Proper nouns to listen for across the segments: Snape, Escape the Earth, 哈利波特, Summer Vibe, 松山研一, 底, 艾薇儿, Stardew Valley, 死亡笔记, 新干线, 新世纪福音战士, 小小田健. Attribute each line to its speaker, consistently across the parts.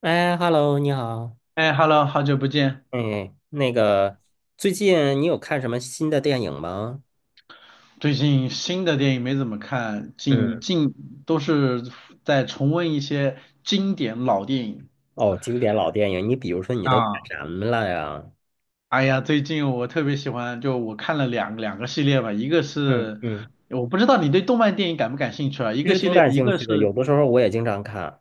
Speaker 1: 哎，Hello，你好。
Speaker 2: 哎，Hello，好久不见。
Speaker 1: 哎，那个，最近你有看什么新的电影吗？
Speaker 2: 最近新的电影没怎么看，
Speaker 1: 嗯。
Speaker 2: 都是在重温一些经典老电影
Speaker 1: 哦，经典老电影，你比如说你都看
Speaker 2: 啊。
Speaker 1: 什么了呀？
Speaker 2: 哎呀，最近我特别喜欢，就我看了两个系列吧，一个
Speaker 1: 嗯
Speaker 2: 是
Speaker 1: 嗯。
Speaker 2: 我不知道你对动漫电影感不感兴趣啊，一
Speaker 1: 其
Speaker 2: 个
Speaker 1: 实
Speaker 2: 系
Speaker 1: 挺
Speaker 2: 列，
Speaker 1: 感兴趣的，有的时候我也经常看。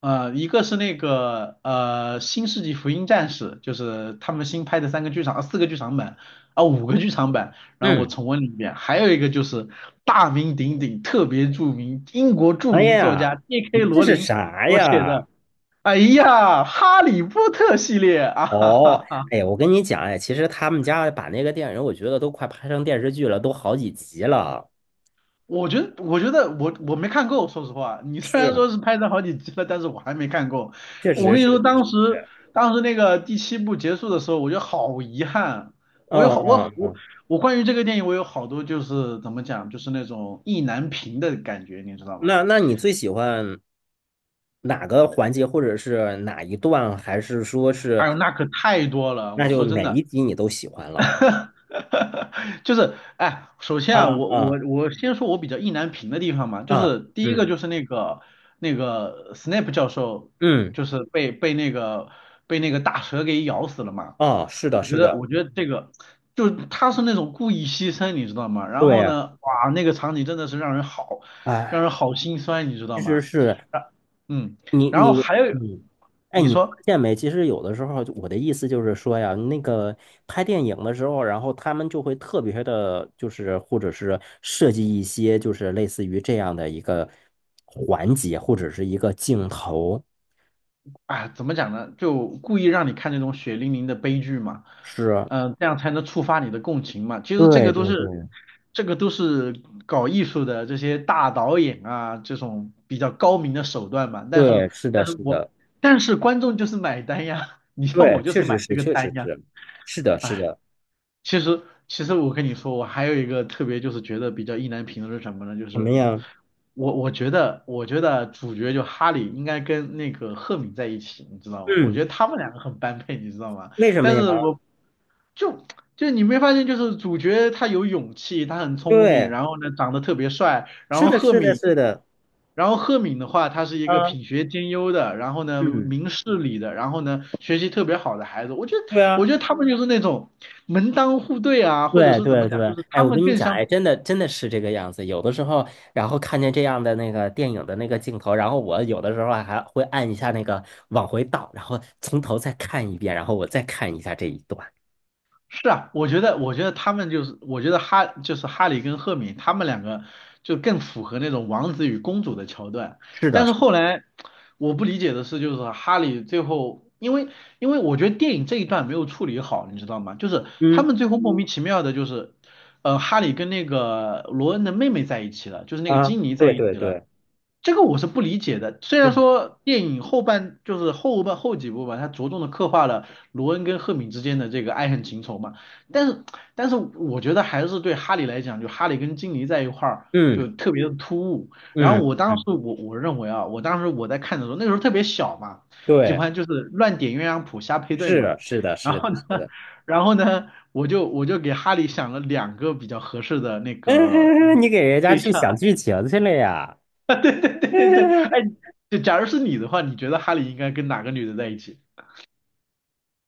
Speaker 2: 一个是那个《新世纪福音战士》，就是他们新拍的三个剧场，啊四个剧场版，啊五个剧场版，然后我
Speaker 1: 嗯。
Speaker 2: 重温了一遍。还有一个就是大名鼎鼎、特别著名英国著
Speaker 1: 哎
Speaker 2: 名作
Speaker 1: 呀，
Speaker 2: 家 J.K.
Speaker 1: 你这
Speaker 2: 罗
Speaker 1: 是
Speaker 2: 琳
Speaker 1: 啥
Speaker 2: 所写的，
Speaker 1: 呀？
Speaker 2: 哎呀，《哈利波特》系列啊，哈
Speaker 1: 哦，
Speaker 2: 哈哈
Speaker 1: 哎呀，我跟你讲，哎，其实他们家把那个电影，我觉得都快拍成电视剧了，都好几集了。
Speaker 2: 我觉得我没看够，说实话，你虽然
Speaker 1: 是，
Speaker 2: 说是拍成好几集了，但是我还没看够。
Speaker 1: 确
Speaker 2: 我
Speaker 1: 实
Speaker 2: 跟你说，
Speaker 1: 是，确实
Speaker 2: 当时
Speaker 1: 是。
Speaker 2: 当时那个第七部结束的时候，我觉得好遗憾。我有好
Speaker 1: 嗯
Speaker 2: 我
Speaker 1: 嗯
Speaker 2: 我
Speaker 1: 嗯。
Speaker 2: 我关于这个电影，我有好多就是怎么讲，就是那种意难平的感觉，你知道吗？
Speaker 1: 那你最喜欢？哪个环节或者是哪一段，还是说是
Speaker 2: 哎呦，那可太多了。
Speaker 1: 那
Speaker 2: 我
Speaker 1: 就
Speaker 2: 说真
Speaker 1: 哪
Speaker 2: 的，
Speaker 1: 一集你都喜欢了？
Speaker 2: 哈哈，就是哎，首先啊，
Speaker 1: 啊
Speaker 2: 我
Speaker 1: 啊
Speaker 2: 我我先说我比较意难平的地方嘛，就
Speaker 1: 啊！
Speaker 2: 是第一个
Speaker 1: 嗯
Speaker 2: 就是那个 Snape 教授，
Speaker 1: 嗯。
Speaker 2: 就是被那个大蛇给咬死了嘛。
Speaker 1: 哦，是的，
Speaker 2: 我觉
Speaker 1: 是
Speaker 2: 得
Speaker 1: 的，
Speaker 2: 我觉得这个就是他是那种故意牺牲，你知道吗？然
Speaker 1: 对
Speaker 2: 后
Speaker 1: 啊，
Speaker 2: 呢，哇，那个场景真的是让人好让
Speaker 1: 哎，
Speaker 2: 人好心酸，你知道
Speaker 1: 其实
Speaker 2: 吗？
Speaker 1: 是
Speaker 2: 啊，嗯，
Speaker 1: 你
Speaker 2: 然后
Speaker 1: 你
Speaker 2: 还有
Speaker 1: 嗯，哎，
Speaker 2: 你
Speaker 1: 你发
Speaker 2: 说。
Speaker 1: 现没？其实有的时候我的意思就是说呀，那个拍电影的时候，然后他们就会特别的，就是或者是设计一些就是类似于这样的一个环节或者是一个镜头，
Speaker 2: 啊，怎么讲呢？就故意让你看那种血淋淋的悲剧嘛，
Speaker 1: 是。
Speaker 2: 嗯，这样才能触发你的共情嘛。其实这
Speaker 1: 对
Speaker 2: 个都
Speaker 1: 对
Speaker 2: 是，
Speaker 1: 对
Speaker 2: 这个都是搞艺术的这些大导演啊，这种比较高明的手段嘛。
Speaker 1: 对，是的，
Speaker 2: 但是
Speaker 1: 是
Speaker 2: 我，
Speaker 1: 的，
Speaker 2: 但是观众就是买单呀，你像
Speaker 1: 对，
Speaker 2: 我就
Speaker 1: 确
Speaker 2: 是买
Speaker 1: 实
Speaker 2: 这
Speaker 1: 是，
Speaker 2: 个
Speaker 1: 确
Speaker 2: 单
Speaker 1: 实
Speaker 2: 呀，
Speaker 1: 是，是的，是
Speaker 2: 哎。
Speaker 1: 的。
Speaker 2: 其实，其实我跟你说，我还有一个特别就是觉得比较意难平的是什么呢？就
Speaker 1: 什么
Speaker 2: 是
Speaker 1: 呀？
Speaker 2: 我觉得主角就哈利应该跟那个赫敏在一起，你知道吗？我觉
Speaker 1: 嗯，
Speaker 2: 得他们两个很般配，你知道吗？
Speaker 1: 为什么
Speaker 2: 但
Speaker 1: 呀？
Speaker 2: 是我就就你没发现，就是主角他有勇气，他很聪明，
Speaker 1: 对，
Speaker 2: 然后呢长得特别帅，然
Speaker 1: 是
Speaker 2: 后
Speaker 1: 的，
Speaker 2: 赫
Speaker 1: 是的，
Speaker 2: 敏
Speaker 1: 是的，
Speaker 2: 的话，他是一个
Speaker 1: 啊，
Speaker 2: 品学兼优的，然后呢
Speaker 1: 嗯，
Speaker 2: 明事理的，然后呢学习特别好的孩子。我觉得，
Speaker 1: 对
Speaker 2: 我
Speaker 1: 啊，
Speaker 2: 觉得他们就是那种门当户对啊，或者
Speaker 1: 对
Speaker 2: 是怎
Speaker 1: 对
Speaker 2: 么讲，就
Speaker 1: 对。
Speaker 2: 是
Speaker 1: 哎，
Speaker 2: 他
Speaker 1: 我跟
Speaker 2: 们
Speaker 1: 你
Speaker 2: 更
Speaker 1: 讲，
Speaker 2: 像。
Speaker 1: 哎，真的真的是这个样子。有的时候，然后看见这样的那个电影的那个镜头，然后我有的时候还会按一下那个往回倒，然后从头再看一遍，然后我再看一下这一段。
Speaker 2: 是啊，我觉得哈就是哈利跟赫敏他们两个就更符合那种王子与公主的桥段。
Speaker 1: 是的，
Speaker 2: 但是
Speaker 1: 是
Speaker 2: 后来我不理解的是，就是哈利最后，因为我觉得电影这一段没有处理好，你知道吗？就是他
Speaker 1: 嗯，
Speaker 2: 们最后莫名其妙的，就是哈利跟那个罗恩的妹妹在一起了，就是那个
Speaker 1: 啊，
Speaker 2: 金妮在
Speaker 1: 对
Speaker 2: 一
Speaker 1: 对
Speaker 2: 起了。
Speaker 1: 对，
Speaker 2: 这个我是不理解的。虽然
Speaker 1: 嗯
Speaker 2: 说电影后半后几部吧，它着重的刻画了罗恩跟赫敏之间的这个爱恨情仇嘛，但是但是我觉得还是对哈利来讲，就哈利跟金妮在一块儿就
Speaker 1: 嗯
Speaker 2: 特别的突兀。然后
Speaker 1: 嗯
Speaker 2: 我当时
Speaker 1: 嗯，
Speaker 2: 我认为啊，我当时我在看的时候，那个时候特别小嘛，喜
Speaker 1: 对。
Speaker 2: 欢就是乱点鸳鸯谱瞎配对
Speaker 1: 是
Speaker 2: 嘛。
Speaker 1: 的，是的，是
Speaker 2: 然
Speaker 1: 的，
Speaker 2: 后呢，
Speaker 1: 是的。
Speaker 2: 然后呢，我就给哈利想了两个比较合适的那个
Speaker 1: 你给人家
Speaker 2: 对
Speaker 1: 去
Speaker 2: 象，
Speaker 1: 想剧情去了呀？
Speaker 2: 对对对对对，哎，就假如是你的话，你觉得哈利应该跟哪个女的在一起？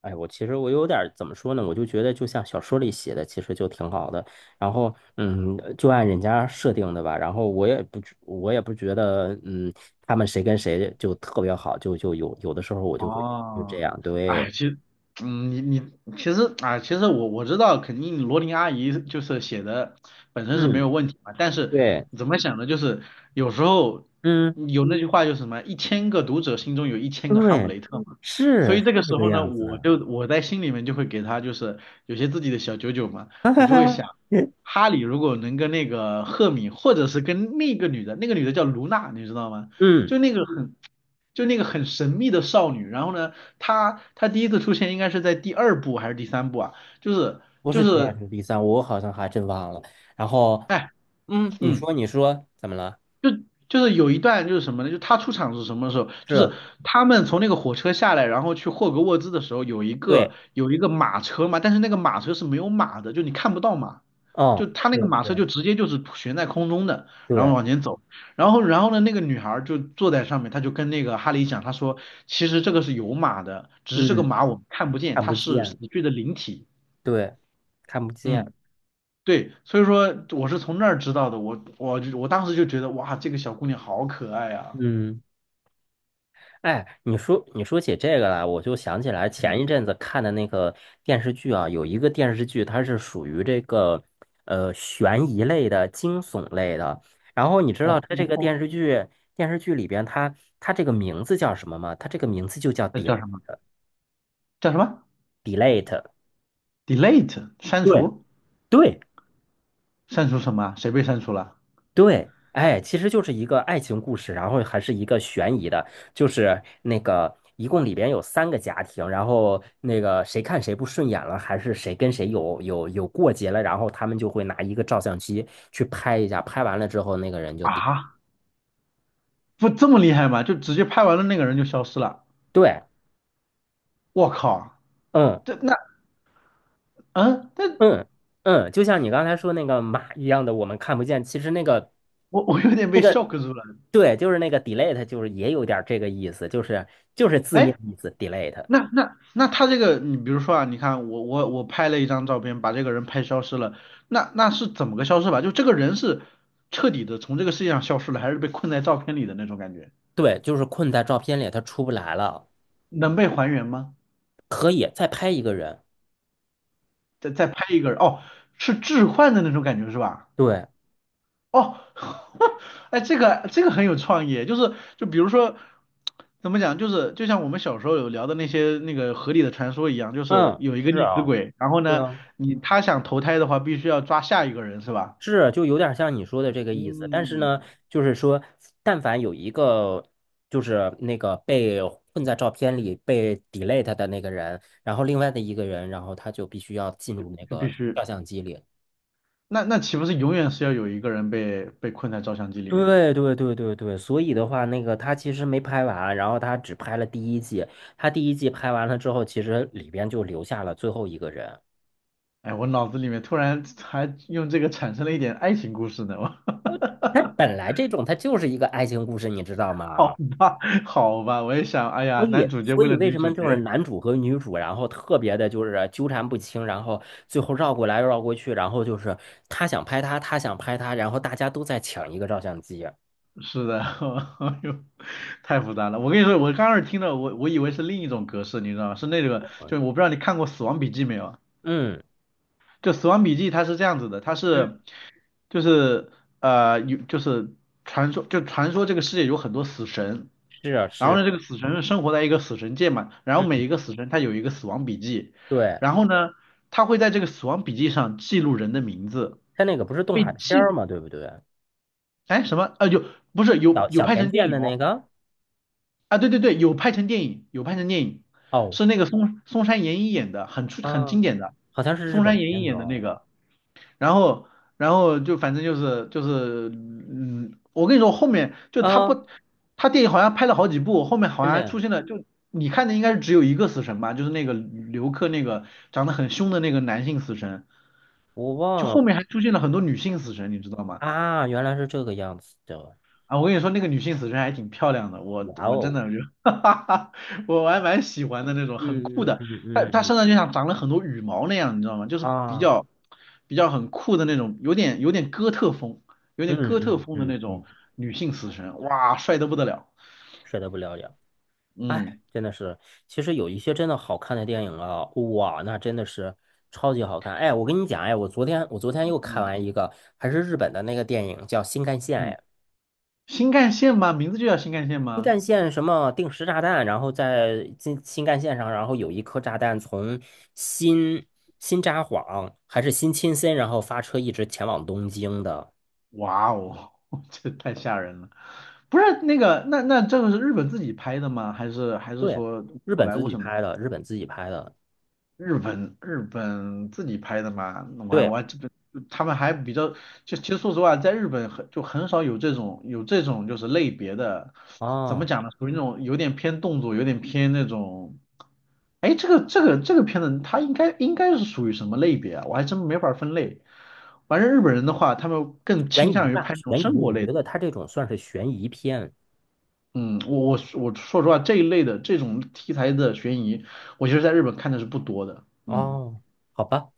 Speaker 1: 哎，我其实我有点儿怎么说呢？我就觉得就像小说里写的，其实就挺好的。然后，嗯，就按人家设定的吧。然后我也不觉得，嗯，他们谁跟谁就特别好，就有的时候我就会就这
Speaker 2: 哦，
Speaker 1: 样，
Speaker 2: 哎，
Speaker 1: 对，
Speaker 2: 其实，你其实啊，其实我知道，肯定罗琳阿姨就是写的本身是没
Speaker 1: 嗯，
Speaker 2: 有问题嘛，但是
Speaker 1: 对，
Speaker 2: 怎么想呢？就是有时候
Speaker 1: 嗯，
Speaker 2: 有那句话就是什么，一千个读者心中有一千个哈姆
Speaker 1: 对，
Speaker 2: 雷特嘛，所
Speaker 1: 是
Speaker 2: 以
Speaker 1: 是
Speaker 2: 这个
Speaker 1: 这
Speaker 2: 时
Speaker 1: 个
Speaker 2: 候呢，
Speaker 1: 样子
Speaker 2: 我
Speaker 1: 的，
Speaker 2: 就我在心里面就会给他就是有些自己的小九九嘛，我就会想，哈利如果能跟那个赫敏，或者是跟那个女的，那个女的叫卢娜，你知道吗？
Speaker 1: 嗯。
Speaker 2: 就那个很。就那个很神秘的少女，然后呢，她第一次出现应该是在第二部还是第三部啊？就是
Speaker 1: 不
Speaker 2: 就
Speaker 1: 是第二
Speaker 2: 是，
Speaker 1: 是第三，我好像还真忘了。然后，
Speaker 2: 哎，
Speaker 1: 嗯，你
Speaker 2: 嗯。
Speaker 1: 说你说怎么了？
Speaker 2: 就就是有一段就是什么呢？就他出场是什么时候？就是
Speaker 1: 是，
Speaker 2: 他们从那个火车下来，然后去霍格沃兹的时候，有一个
Speaker 1: 对，
Speaker 2: 有一个马车嘛，但是那个马车是没有马的，就你看不到马，就
Speaker 1: 嗯，
Speaker 2: 他那个
Speaker 1: 对
Speaker 2: 马车
Speaker 1: 对
Speaker 2: 就直接就是悬在空中的，然后
Speaker 1: 对，
Speaker 2: 往前走，然后呢，那个女孩儿就坐在上面，她就跟那个哈利讲，她说其实这个是有马的，只是这个
Speaker 1: 嗯，
Speaker 2: 马我们看不见，
Speaker 1: 看
Speaker 2: 它
Speaker 1: 不
Speaker 2: 是死
Speaker 1: 见，
Speaker 2: 去的灵体。
Speaker 1: 对，看不见，
Speaker 2: 嗯，对，所以说我是从那儿知道的，我当时就觉得哇，这个小姑娘好可爱啊。
Speaker 1: 嗯，哎，你说起这个来，我就想起来
Speaker 2: 嗯，
Speaker 1: 前一阵子看的那个电视剧啊，有一个电视剧，它是属于这个悬疑类的、惊悚类的。然后你知道它这个
Speaker 2: 哦，
Speaker 1: 电视剧里边它这个名字叫什么吗？它这个名字就叫
Speaker 2: 那
Speaker 1: 《底》。
Speaker 2: 叫什么？叫什么？delete 删
Speaker 1: 对，
Speaker 2: 除？
Speaker 1: 对
Speaker 2: 删除什么啊？谁被删除了？
Speaker 1: 对，哎，其实就是一个爱情故事，然后还是一个悬疑的，就是那个一共里边有三个家庭，然后那个谁看谁不顺眼了，还是谁跟谁有过节了，然后他们就会拿一个照相机去拍一下，拍完了之后那个人就顶。
Speaker 2: 啊，不这么厉害吗？就直接拍完了那个人就消失了？
Speaker 1: 对，
Speaker 2: 我靠，
Speaker 1: 嗯
Speaker 2: 这那嗯，那
Speaker 1: 嗯嗯，就像你刚才说那个马一样的，我们看不见，其实那个
Speaker 2: 我有点
Speaker 1: 那
Speaker 2: 被
Speaker 1: 个。
Speaker 2: shock 住了。
Speaker 1: 对，就是那个 delete，就是也有点儿这个意思，就是字面
Speaker 2: 哎，
Speaker 1: 意思 delete。
Speaker 2: 那他这个，你比如说啊，你看我拍了一张照片，把这个人拍消失了，那是怎么个消失法？就这个人是彻底的从这个世界上消失了，还是被困在照片里的那种感觉？
Speaker 1: 对，就是困在照片里，他出不来了。
Speaker 2: 能被还原吗？
Speaker 1: 可以再拍一个人。
Speaker 2: 再拍一个人，哦，是置换的那种感觉是吧？
Speaker 1: 对，
Speaker 2: 哦，哎，这个这个很有创意，就比如说怎么讲，就是就像我们小时候有聊的那些那个河里的传说一样，就是
Speaker 1: 嗯，
Speaker 2: 有一个
Speaker 1: 是
Speaker 2: 溺死
Speaker 1: 啊，
Speaker 2: 鬼，然后
Speaker 1: 对
Speaker 2: 呢，
Speaker 1: 啊，
Speaker 2: 你他想投胎的话，必须要抓下一个人是吧？
Speaker 1: 是，就有点像你说的这个意思。但是
Speaker 2: 嗯，
Speaker 1: 呢，就是说，但凡有一个就是那个被困在照片里被 delete 的那个人，然后另外的一个人，然后他就必须要进入那
Speaker 2: 就必
Speaker 1: 个
Speaker 2: 须，
Speaker 1: 照相机里。
Speaker 2: 那那岂不是永远是要有一个人被被困在照相机里面？
Speaker 1: 对对对对对，所以的话，那个他其实没拍完，然后他只拍了第一季，他第一季拍完了之后，其实里边就留下了最后一个人。
Speaker 2: 哎，我脑子里面突然还用这个产生了一点爱情故事呢，我
Speaker 1: 它 本来这种它就是一个爱情故事，你知道 吗？
Speaker 2: 好吧，好吧，我也想，哎呀，男主角
Speaker 1: 所
Speaker 2: 为
Speaker 1: 以
Speaker 2: 了
Speaker 1: 为
Speaker 2: 女
Speaker 1: 什
Speaker 2: 主
Speaker 1: 么就是
Speaker 2: 角，
Speaker 1: 男主和女主，然后特别的就是纠缠不清，然后最后绕过来绕过去，然后就是他想拍他，他想拍他，然后大家都在抢一个照相机。
Speaker 2: 是的，哎呦，太复杂了。我跟你说，我刚开始听到，我以为是另一种格式，你知道吗？是那个，
Speaker 1: 嗯
Speaker 2: 就我不知道你看过《死亡笔记》没有？
Speaker 1: 嗯，
Speaker 2: 就《死亡笔记》它是这样子的，它
Speaker 1: 嗯
Speaker 2: 是就是呃有就是传说这个世界有很多死神，
Speaker 1: 是啊
Speaker 2: 然后
Speaker 1: 是，
Speaker 2: 呢这个死神生活在一个死神界嘛，然后每
Speaker 1: 嗯，
Speaker 2: 一个死神他有一个死亡笔记，
Speaker 1: 对，
Speaker 2: 然后呢他会在这个死亡笔记上记录人的名字。
Speaker 1: 他那个不是动
Speaker 2: 被
Speaker 1: 画片儿
Speaker 2: 记
Speaker 1: 嘛，对不对？
Speaker 2: 哎，什么？啊，有不是有
Speaker 1: 小
Speaker 2: 有
Speaker 1: 小
Speaker 2: 拍
Speaker 1: 田
Speaker 2: 成电
Speaker 1: 健
Speaker 2: 影
Speaker 1: 的那
Speaker 2: 哦？
Speaker 1: 个，
Speaker 2: 啊，对对对，有拍成电影，有拍成电影，
Speaker 1: 哦，
Speaker 2: 是那个松山研一演的，很
Speaker 1: 啊，
Speaker 2: 经典的，
Speaker 1: 好像是日
Speaker 2: 松
Speaker 1: 本
Speaker 2: 山研一
Speaker 1: 片子
Speaker 2: 演的那
Speaker 1: 哦，
Speaker 2: 个。然后然后就反正就是，我跟你说，后面就他
Speaker 1: 啊，
Speaker 2: 不，他电影好像拍了好几部，后面好
Speaker 1: 真
Speaker 2: 像还
Speaker 1: 的，
Speaker 2: 出现了，就你看的应该是只有一个死神吧，就是那个刘克那个长得很凶的那个男性死神，
Speaker 1: 我
Speaker 2: 就
Speaker 1: 忘了
Speaker 2: 后面还出现了很多女性死神，你知道吗？
Speaker 1: 啊，原来是这个样子的，
Speaker 2: 啊，我跟你说，那个女性死神还挺漂亮的，我
Speaker 1: 哇
Speaker 2: 我真
Speaker 1: 哦。
Speaker 2: 的就，哈哈哈，我还蛮喜欢的那种，很酷
Speaker 1: 嗯嗯
Speaker 2: 的。
Speaker 1: 嗯
Speaker 2: 她
Speaker 1: 嗯
Speaker 2: 她
Speaker 1: 嗯
Speaker 2: 身上就像长了很多羽毛那样，你知道吗？就是比
Speaker 1: 啊，
Speaker 2: 较比较很酷的那种，有点有点哥特风，有点
Speaker 1: 嗯
Speaker 2: 哥特
Speaker 1: 嗯
Speaker 2: 风的
Speaker 1: 嗯
Speaker 2: 那
Speaker 1: 嗯，
Speaker 2: 种女性死神，哇，帅得不得了。
Speaker 1: 是的，不了解。哎，
Speaker 2: 嗯
Speaker 1: 真的是，其实有一些真的好看的电影啊，哇，那真的是超级好看。哎，我跟你讲，哎，我昨天又看
Speaker 2: 嗯
Speaker 1: 完一个，还是日本的那个电影，叫《新干线》。
Speaker 2: 嗯，
Speaker 1: 哎，
Speaker 2: 新干线吗？名字就叫新干线
Speaker 1: 新
Speaker 2: 吗？
Speaker 1: 干线什么定时炸弹，然后在新干线上，然后有一颗炸弹从新新札幌还是新青森，然后发车一直前往东京的。
Speaker 2: 哇哦，这太吓人了。不是那个，那这个是日本自己拍的吗？还是还是
Speaker 1: 对，
Speaker 2: 说
Speaker 1: 日
Speaker 2: 好
Speaker 1: 本
Speaker 2: 莱
Speaker 1: 自
Speaker 2: 坞
Speaker 1: 己
Speaker 2: 什么？
Speaker 1: 拍的，日本自己拍的。
Speaker 2: 日本自己拍的嘛，那我还我
Speaker 1: 对。
Speaker 2: 还这本他们还比较，就其实说实话，在日本很少有这种就是类别的，怎么
Speaker 1: 哦，
Speaker 2: 讲呢？属于那种有点偏动作，有点偏那种，哎，这个片子它应该是属于什么类别啊？我还真没法分类。反正日本人的话，他们更
Speaker 1: 悬
Speaker 2: 倾
Speaker 1: 疑
Speaker 2: 向于
Speaker 1: 吧，
Speaker 2: 拍那种
Speaker 1: 悬
Speaker 2: 生
Speaker 1: 疑，
Speaker 2: 活
Speaker 1: 我觉
Speaker 2: 类的
Speaker 1: 得它这种算是悬疑片。
Speaker 2: 嗯，我我说实话，这一类的这种题材的悬疑，我其实在日本看的是不多的。嗯。
Speaker 1: 哦，好吧，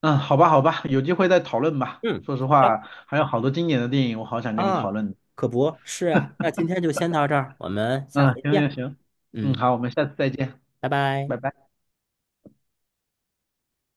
Speaker 2: 嗯，好吧，好吧，有机会再讨论吧。
Speaker 1: 嗯，
Speaker 2: 说实
Speaker 1: 好的
Speaker 2: 话，还有好多经典的电影，我好想跟你讨
Speaker 1: 啊，
Speaker 2: 论。
Speaker 1: 可不是啊，那今天就先到这儿，我们下
Speaker 2: 嗯，
Speaker 1: 回
Speaker 2: 行
Speaker 1: 见。
Speaker 2: 行行，嗯，
Speaker 1: 嗯，
Speaker 2: 好，我们下次再见，
Speaker 1: 拜拜。
Speaker 2: 拜拜。